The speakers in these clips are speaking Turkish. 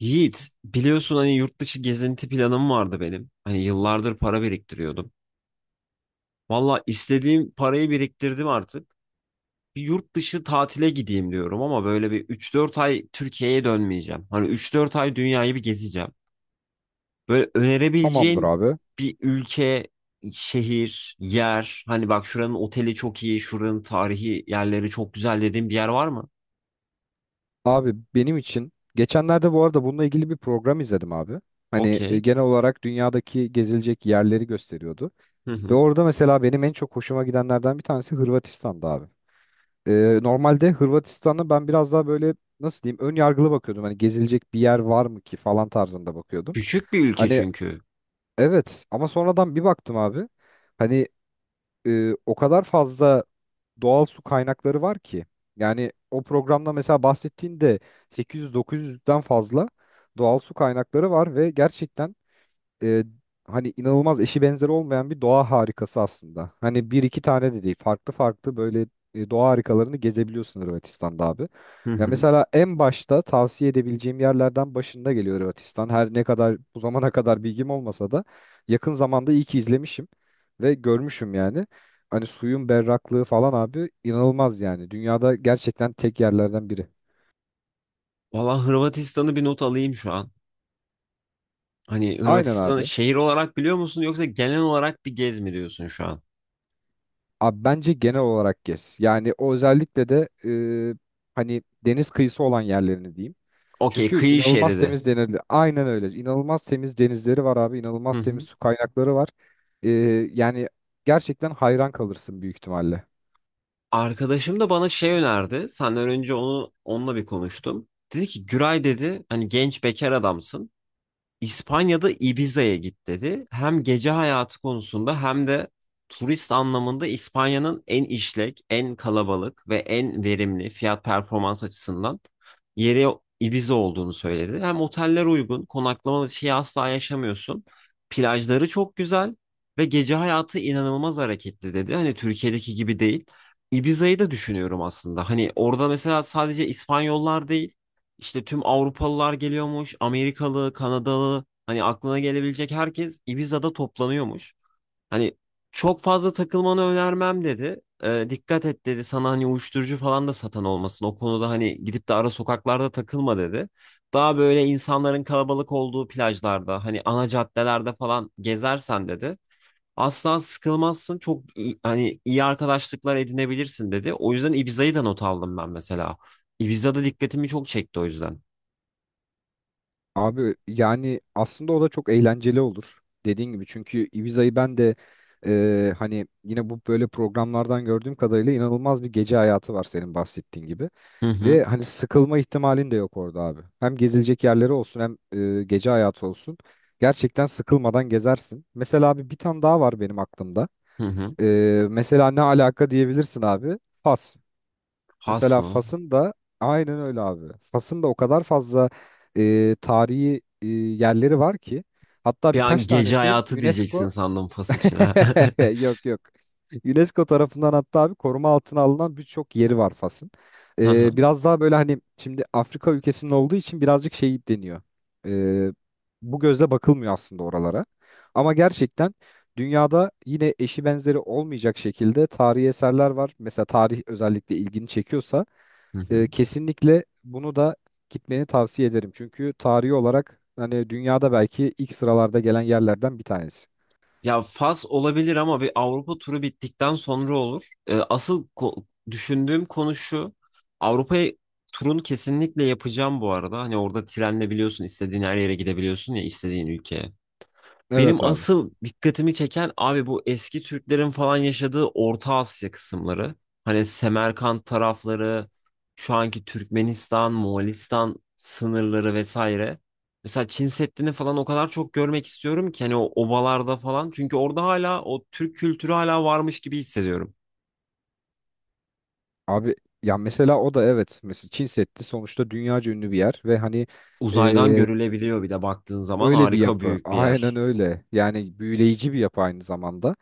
Yiğit, biliyorsun hani yurt dışı gezinti planım vardı benim. Hani yıllardır para biriktiriyordum. Valla istediğim parayı biriktirdim artık. Bir yurt dışı tatile gideyim diyorum ama böyle bir üç dört ay Türkiye'ye dönmeyeceğim. Hani üç dört ay dünyayı bir gezeceğim. Böyle Tamamdır önerebileceğin abi. bir ülke, şehir, yer. Hani bak şuranın oteli çok iyi, şuranın tarihi yerleri çok güzel dediğim bir yer var mı? Abi benim için geçenlerde bu arada bununla ilgili bir program izledim abi. Hani Okey. genel olarak dünyadaki gezilecek yerleri gösteriyordu. Hı Ve hı. orada mesela benim en çok hoşuma gidenlerden bir tanesi Hırvatistan'da abi. Normalde Hırvatistan'a ben biraz daha böyle nasıl diyeyim ön yargılı bakıyordum. Hani gezilecek bir yer var mı ki falan tarzında bakıyordum. Küçük bir ülke Hani çünkü. evet, ama sonradan bir baktım abi. Hani o kadar fazla doğal su kaynakları var ki. Yani o programda mesela bahsettiğinde 800-900'den fazla doğal su kaynakları var ve gerçekten e, hani inanılmaz eşi benzeri olmayan bir doğa harikası aslında. Hani bir iki tane de değil. Farklı farklı böyle doğa harikalarını gezebiliyorsun Hırvatistan'da abi. Hı Ya hı. mesela en başta tavsiye edebileceğim yerlerden başında geliyor Hırvatistan. Her ne kadar bu zamana kadar bilgim olmasa da yakın zamanda iyi ki izlemişim ve görmüşüm yani. Hani suyun berraklığı falan abi inanılmaz yani. Dünyada gerçekten tek yerlerden biri. Valla Hırvatistan'ı bir not alayım şu an. Hani Aynen Hırvatistan'ı abi. şehir olarak biliyor musun yoksa genel olarak bir gez mi diyorsun şu an? Abi bence genel olarak gez. Yani o özellikle de e, hani deniz kıyısı olan yerlerini diyeyim. Okey, Çünkü kıyı inanılmaz şeridi. temiz denizleri. Aynen öyle. İnanılmaz temiz denizleri var abi. Hı İnanılmaz temiz hı. su kaynakları var. E, Yani gerçekten hayran kalırsın büyük ihtimalle. Arkadaşım da bana şey önerdi. Senden önce onunla bir konuştum. Dedi ki Güray dedi hani genç bekar adamsın. İspanya'da Ibiza'ya git dedi. Hem gece hayatı konusunda hem de turist anlamında İspanya'nın en işlek, en kalabalık ve en verimli fiyat performans açısından yeri Ibiza olduğunu söyledi. Hem oteller uygun, konaklama şeyi asla yaşamıyorsun. Plajları çok güzel ve gece hayatı inanılmaz hareketli dedi. Hani Türkiye'deki gibi değil. Ibiza'yı da düşünüyorum aslında. Hani orada mesela sadece İspanyollar değil, işte tüm Avrupalılar geliyormuş, Amerikalı, Kanadalı, hani aklına gelebilecek herkes Ibiza'da toplanıyormuş. Hani çok fazla takılmanı önermem dedi. Dikkat et dedi sana hani uyuşturucu falan da satan olmasın. O konuda hani gidip de ara sokaklarda takılma dedi. Daha böyle insanların kalabalık olduğu plajlarda, hani ana caddelerde falan gezersen dedi. Asla sıkılmazsın. Hani iyi arkadaşlıklar edinebilirsin dedi. O yüzden Ibiza'yı da not aldım ben mesela. Ibiza'da dikkatimi çok çekti o yüzden. Abi yani aslında o da çok eğlenceli olur. Dediğin gibi, çünkü Ibiza'yı ben de hani yine bu böyle programlardan gördüğüm kadarıyla inanılmaz bir gece hayatı var senin bahsettiğin gibi. Hı hı. Ve hani sıkılma ihtimalin de yok orada abi. Hem gezilecek yerleri olsun hem gece hayatı olsun. Gerçekten sıkılmadan gezersin. Mesela abi bir tane daha var benim aklımda. Hı hı. E, Mesela ne alaka diyebilirsin abi? Fas. Fas Mesela mı? Fas'ın da aynen öyle abi. Fas'ın da o kadar fazla tarihi yerleri var ki, hatta Bir an birkaç gece tanesi hayatı diyeceksin UNESCO. sandım Fas için ha. Yok yok. UNESCO tarafından hatta abi koruma altına alınan birçok yeri var Fas'ın. Hı hı. Biraz daha böyle hani şimdi Afrika ülkesinin olduğu için birazcık şey deniyor. E, Bu gözle bakılmıyor aslında oralara. Ama gerçekten dünyada yine eşi benzeri olmayacak şekilde tarihi eserler var. Mesela tarih özellikle ilgini çekiyorsa Hı hı. kesinlikle bunu da gitmeni tavsiye ederim. Çünkü tarihi olarak hani dünyada belki ilk sıralarda gelen yerlerden bir tanesi. Ya Fas olabilir ama bir Avrupa turu bittikten sonra olur. Düşündüğüm konu şu. Avrupa turunu kesinlikle yapacağım bu arada. Hani orada trenle biliyorsun istediğin her yere gidebiliyorsun ya istediğin ülkeye. Evet Benim abi. asıl dikkatimi çeken abi bu eski Türklerin falan yaşadığı Orta Asya kısımları. Hani Semerkant tarafları, şu anki Türkmenistan, Moğolistan sınırları vesaire. Mesela Çin Seddi'ni falan o kadar çok görmek istiyorum ki hani o obalarda falan. Çünkü orada hala o Türk kültürü varmış gibi hissediyorum. Abi ya mesela o da evet. Mesela Çin Seddi sonuçta dünyaca ünlü bir yer ve hani Uzaydan e, görülebiliyor bir de baktığın zaman öyle bir harika yapı. büyük bir Aynen yer. öyle. Yani büyüleyici bir yapı aynı zamanda.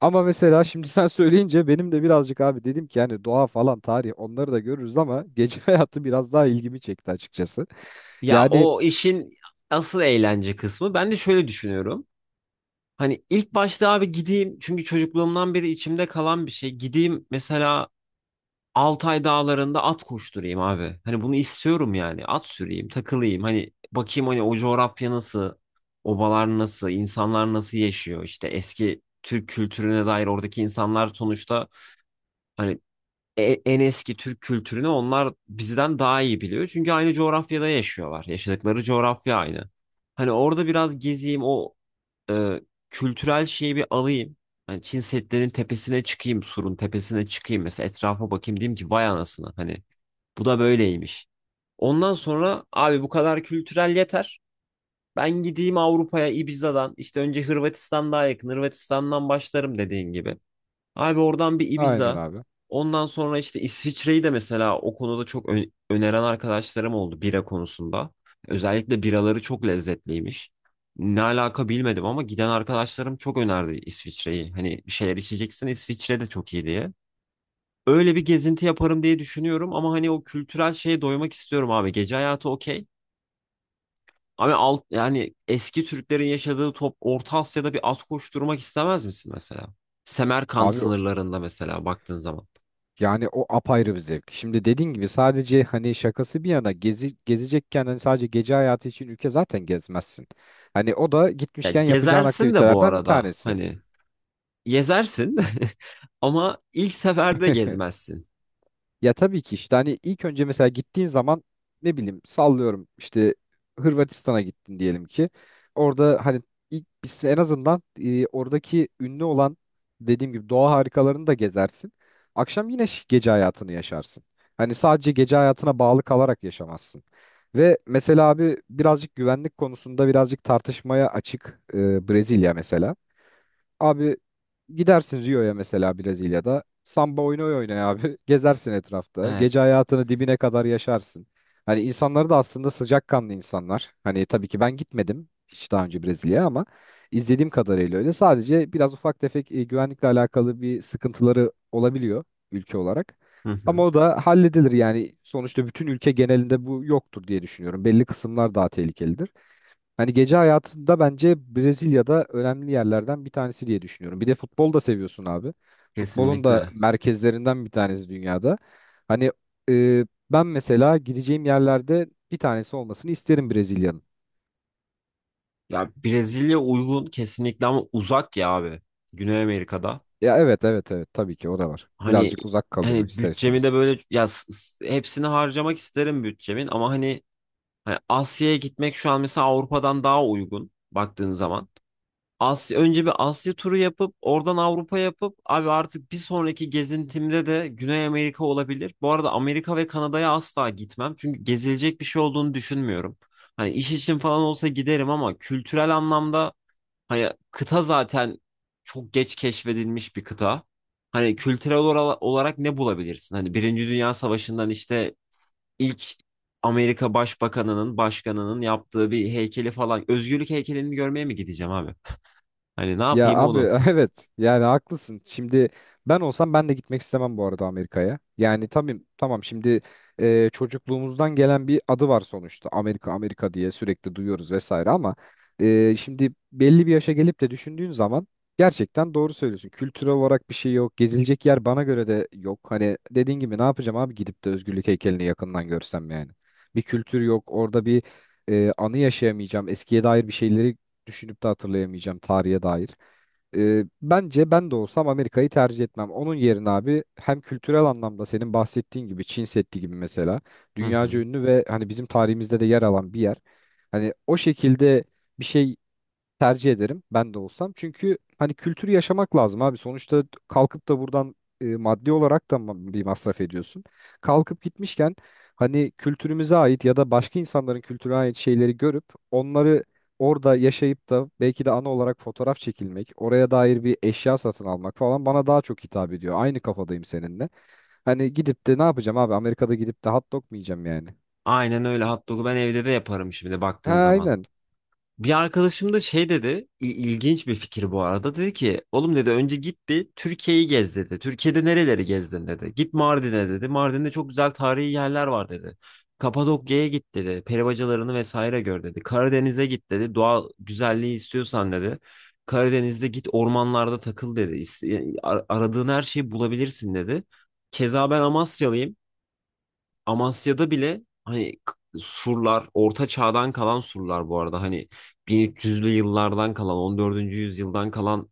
Ama mesela şimdi sen söyleyince benim de birazcık abi dedim ki yani doğa falan tarih onları da görürüz ama gece hayatı biraz daha ilgimi çekti açıkçası. Ya Yani o işin asıl eğlence kısmı ben de şöyle düşünüyorum. Hani ilk başta abi gideyim çünkü çocukluğumdan beri içimde kalan bir şey. Gideyim mesela Altay dağlarında at koşturayım abi. Hani bunu istiyorum yani. At süreyim, takılayım. Hani bakayım hani o coğrafya nasıl, obalar nasıl, insanlar nasıl yaşıyor. İşte eski Türk kültürüne dair oradaki insanlar sonuçta hani en eski Türk kültürünü onlar bizden daha iyi biliyor. Çünkü aynı coğrafyada yaşıyorlar. Yaşadıkları coğrafya aynı. Hani orada biraz gezeyim o e, kültürel şeyi bir alayım. Hani Çin Seddi'nin tepesine çıkayım, surun tepesine çıkayım mesela etrafa bakayım diyeyim ki vay anasını hani bu da böyleymiş. Ondan sonra abi bu kadar kültürel yeter. Ben gideyim Avrupa'ya Ibiza'dan işte önce Hırvatistan daha yakın Hırvatistan'dan başlarım dediğin gibi. Abi oradan bir aynen Ibiza. abi. Ondan sonra işte İsviçre'yi de mesela o konuda öneren arkadaşlarım oldu bira konusunda. Özellikle biraları çok lezzetliymiş. Ne alaka bilmedim ama giden arkadaşlarım çok önerdi İsviçre'yi. Hani bir şeyler içeceksin İsviçre de çok iyi diye. Öyle bir gezinti yaparım diye düşünüyorum ama hani o kültürel şeye doymak istiyorum abi. Gece hayatı okey. Yani eski Türklerin yaşadığı top Orta Asya'da bir az koşturmak istemez misin mesela? Semerkant Abi sınırlarında mesela baktığın zaman. yani o apayrı bir zevk. Şimdi dediğin gibi sadece hani şakası bir yana gezi, gezecekken hani sadece gece hayatı için ülke zaten gezmezsin. Hani o da Ya gitmişken yapacağın gezersin de bu aktivitelerden bir arada tanesi. hani gezersin ama ilk seferde gezmezsin. Ya tabii ki işte hani ilk önce mesela gittiğin zaman ne bileyim sallıyorum işte Hırvatistan'a gittin diyelim ki. Orada hani ilk biz en azından oradaki ünlü olan dediğim gibi doğa harikalarını da gezersin. Akşam yine gece hayatını yaşarsın. Hani sadece gece hayatına bağlı kalarak yaşamazsın. Ve mesela abi birazcık güvenlik konusunda birazcık tartışmaya açık Brezilya mesela. Abi gidersin Rio'ya mesela Brezilya'da. Samba oyunu oynaya abi. Gezersin etrafta. Gece Evet. hayatını dibine kadar yaşarsın. Hani insanları da aslında sıcakkanlı insanlar. Hani tabii ki ben gitmedim hiç daha önce Brezilya'ya ama izlediğim kadarıyla öyle. Sadece biraz ufak tefek güvenlikle alakalı bir sıkıntıları olabiliyor ülke olarak. Hı Ama hı. o da halledilir yani, sonuçta bütün ülke genelinde bu yoktur diye düşünüyorum. Belli kısımlar daha tehlikelidir. Hani gece hayatında bence Brezilya'da önemli yerlerden bir tanesi diye düşünüyorum. Bir de futbol da seviyorsun abi. Futbolun da Kesinlikle. merkezlerinden bir tanesi dünyada. Hani e, ben mesela gideceğim yerlerde bir tanesi olmasını isterim Brezilya'nın. Ya Brezilya uygun kesinlikle ama uzak ya abi. Güney Amerika'da. Ya evet, evet, evet, tabii ki o da var. Hani Birazcık uzak kalıyor hani ister bütçemi istemez. de böyle hepsini harcamak isterim bütçemin ama hani, hani Asya'ya gitmek şu an mesela Avrupa'dan daha uygun baktığın zaman. Asya, önce bir Asya turu yapıp oradan Avrupa yapıp abi artık bir sonraki gezintimde de Güney Amerika olabilir. Bu arada Amerika ve Kanada'ya asla gitmem. Çünkü gezilecek bir şey olduğunu düşünmüyorum. Hani iş için falan olsa giderim ama kültürel anlamda hani kıta zaten çok geç keşfedilmiş bir kıta. Hani kültürel olarak ne bulabilirsin? Hani Birinci Dünya Savaşı'ndan işte ilk Amerika Başbakanı'nın, başkanının yaptığı bir heykeli falan. Özgürlük heykelini görmeye mi gideceğim abi? Hani ne Ya yapayım abi onu? evet, yani haklısın. Şimdi ben de gitmek istemem bu arada Amerika'ya. Yani tabii, tamam şimdi çocukluğumuzdan gelen bir adı var sonuçta. Amerika Amerika diye sürekli duyuyoruz vesaire ama şimdi belli bir yaşa gelip de düşündüğün zaman gerçekten doğru söylüyorsun. Kültürel olarak bir şey yok. Gezilecek yer bana göre de yok. Hani dediğin gibi ne yapacağım abi gidip de özgürlük heykelini yakından görsem yani. Bir kültür yok. Orada bir anı yaşayamayacağım. Eskiye dair bir şeyleri düşünüp de hatırlayamayacağım tarihe dair. Bence ben de olsam Amerika'yı tercih etmem. Onun yerine abi hem kültürel anlamda senin bahsettiğin gibi Çin Seddi gibi mesela Hı dünyaca hı. ünlü ve hani bizim tarihimizde de yer alan bir yer. Hani o şekilde bir şey tercih ederim ben de olsam. Çünkü hani kültürü yaşamak lazım abi. Sonuçta kalkıp da buradan maddi olarak da bir masraf ediyorsun. Kalkıp gitmişken hani kültürümüze ait ya da başka insanların kültürüne ait şeyleri görüp onları orada yaşayıp da belki de ana olarak fotoğraf çekilmek, oraya dair bir eşya satın almak falan bana daha çok hitap ediyor. Aynı kafadayım seninle. Hani gidip de ne yapacağım abi? Amerika'da gidip de hot dog mu yiyeceğim yani? Aynen öyle hot dog'u ben evde de yaparım şimdi baktığın Ha zaman. aynen. Bir arkadaşım da şey dedi, ilginç bir fikir bu arada. Dedi ki, oğlum dedi önce git bir Türkiye'yi gez dedi. Türkiye'de nereleri gezdin dedi. Git Mardin'e dedi. Mardin'de çok güzel tarihi yerler var dedi. Kapadokya'ya git dedi. Peri bacalarını vesaire gör dedi. Karadeniz'e git dedi. Doğal güzelliği istiyorsan dedi. Karadeniz'de git ormanlarda takıl dedi. Aradığın her şeyi bulabilirsin dedi. Keza ben Amasyalıyım. Amasya'da bile surlar orta çağdan kalan surlar bu arada hani 1300'lü yıllardan kalan 14. yüzyıldan kalan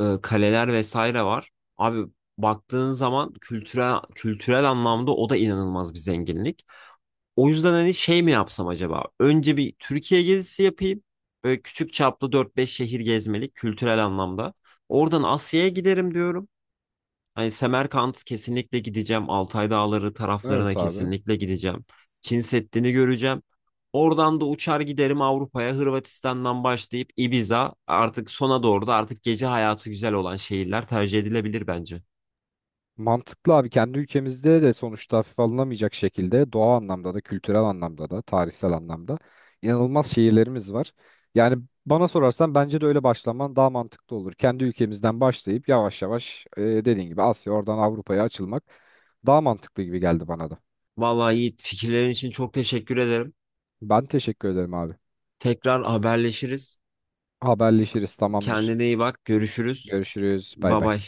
kaleler vesaire var. Abi baktığın zaman kültürel anlamda o da inanılmaz bir zenginlik. O yüzden hani şey mi yapsam acaba? Önce bir Türkiye gezisi yapayım. Böyle küçük çaplı dört beş şehir gezmelik kültürel anlamda. Oradan Asya'ya giderim diyorum. Hani Semerkant kesinlikle gideceğim. Altay Dağları taraflarına Evet abi. kesinlikle gideceğim. Çin Seddi'ni göreceğim. Oradan da uçar giderim Avrupa'ya. Hırvatistan'dan başlayıp Ibiza artık sona doğru da artık gece hayatı güzel olan şehirler tercih edilebilir bence. Mantıklı abi, kendi ülkemizde de sonuçta hafife alınamayacak şekilde doğa anlamda da kültürel anlamda da tarihsel anlamda inanılmaz şehirlerimiz var. Yani bana sorarsan bence de öyle başlaman daha mantıklı olur. Kendi ülkemizden başlayıp yavaş yavaş dediğin gibi Asya oradan Avrupa'ya açılmak daha mantıklı gibi geldi bana da. Vallahi Yiğit fikirlerin için çok teşekkür ederim. Ben teşekkür ederim abi. Tekrar haberleşiriz. Haberleşiriz tamamdır. Kendine iyi bak. Görüşürüz. Görüşürüz bay Bye bay. bye.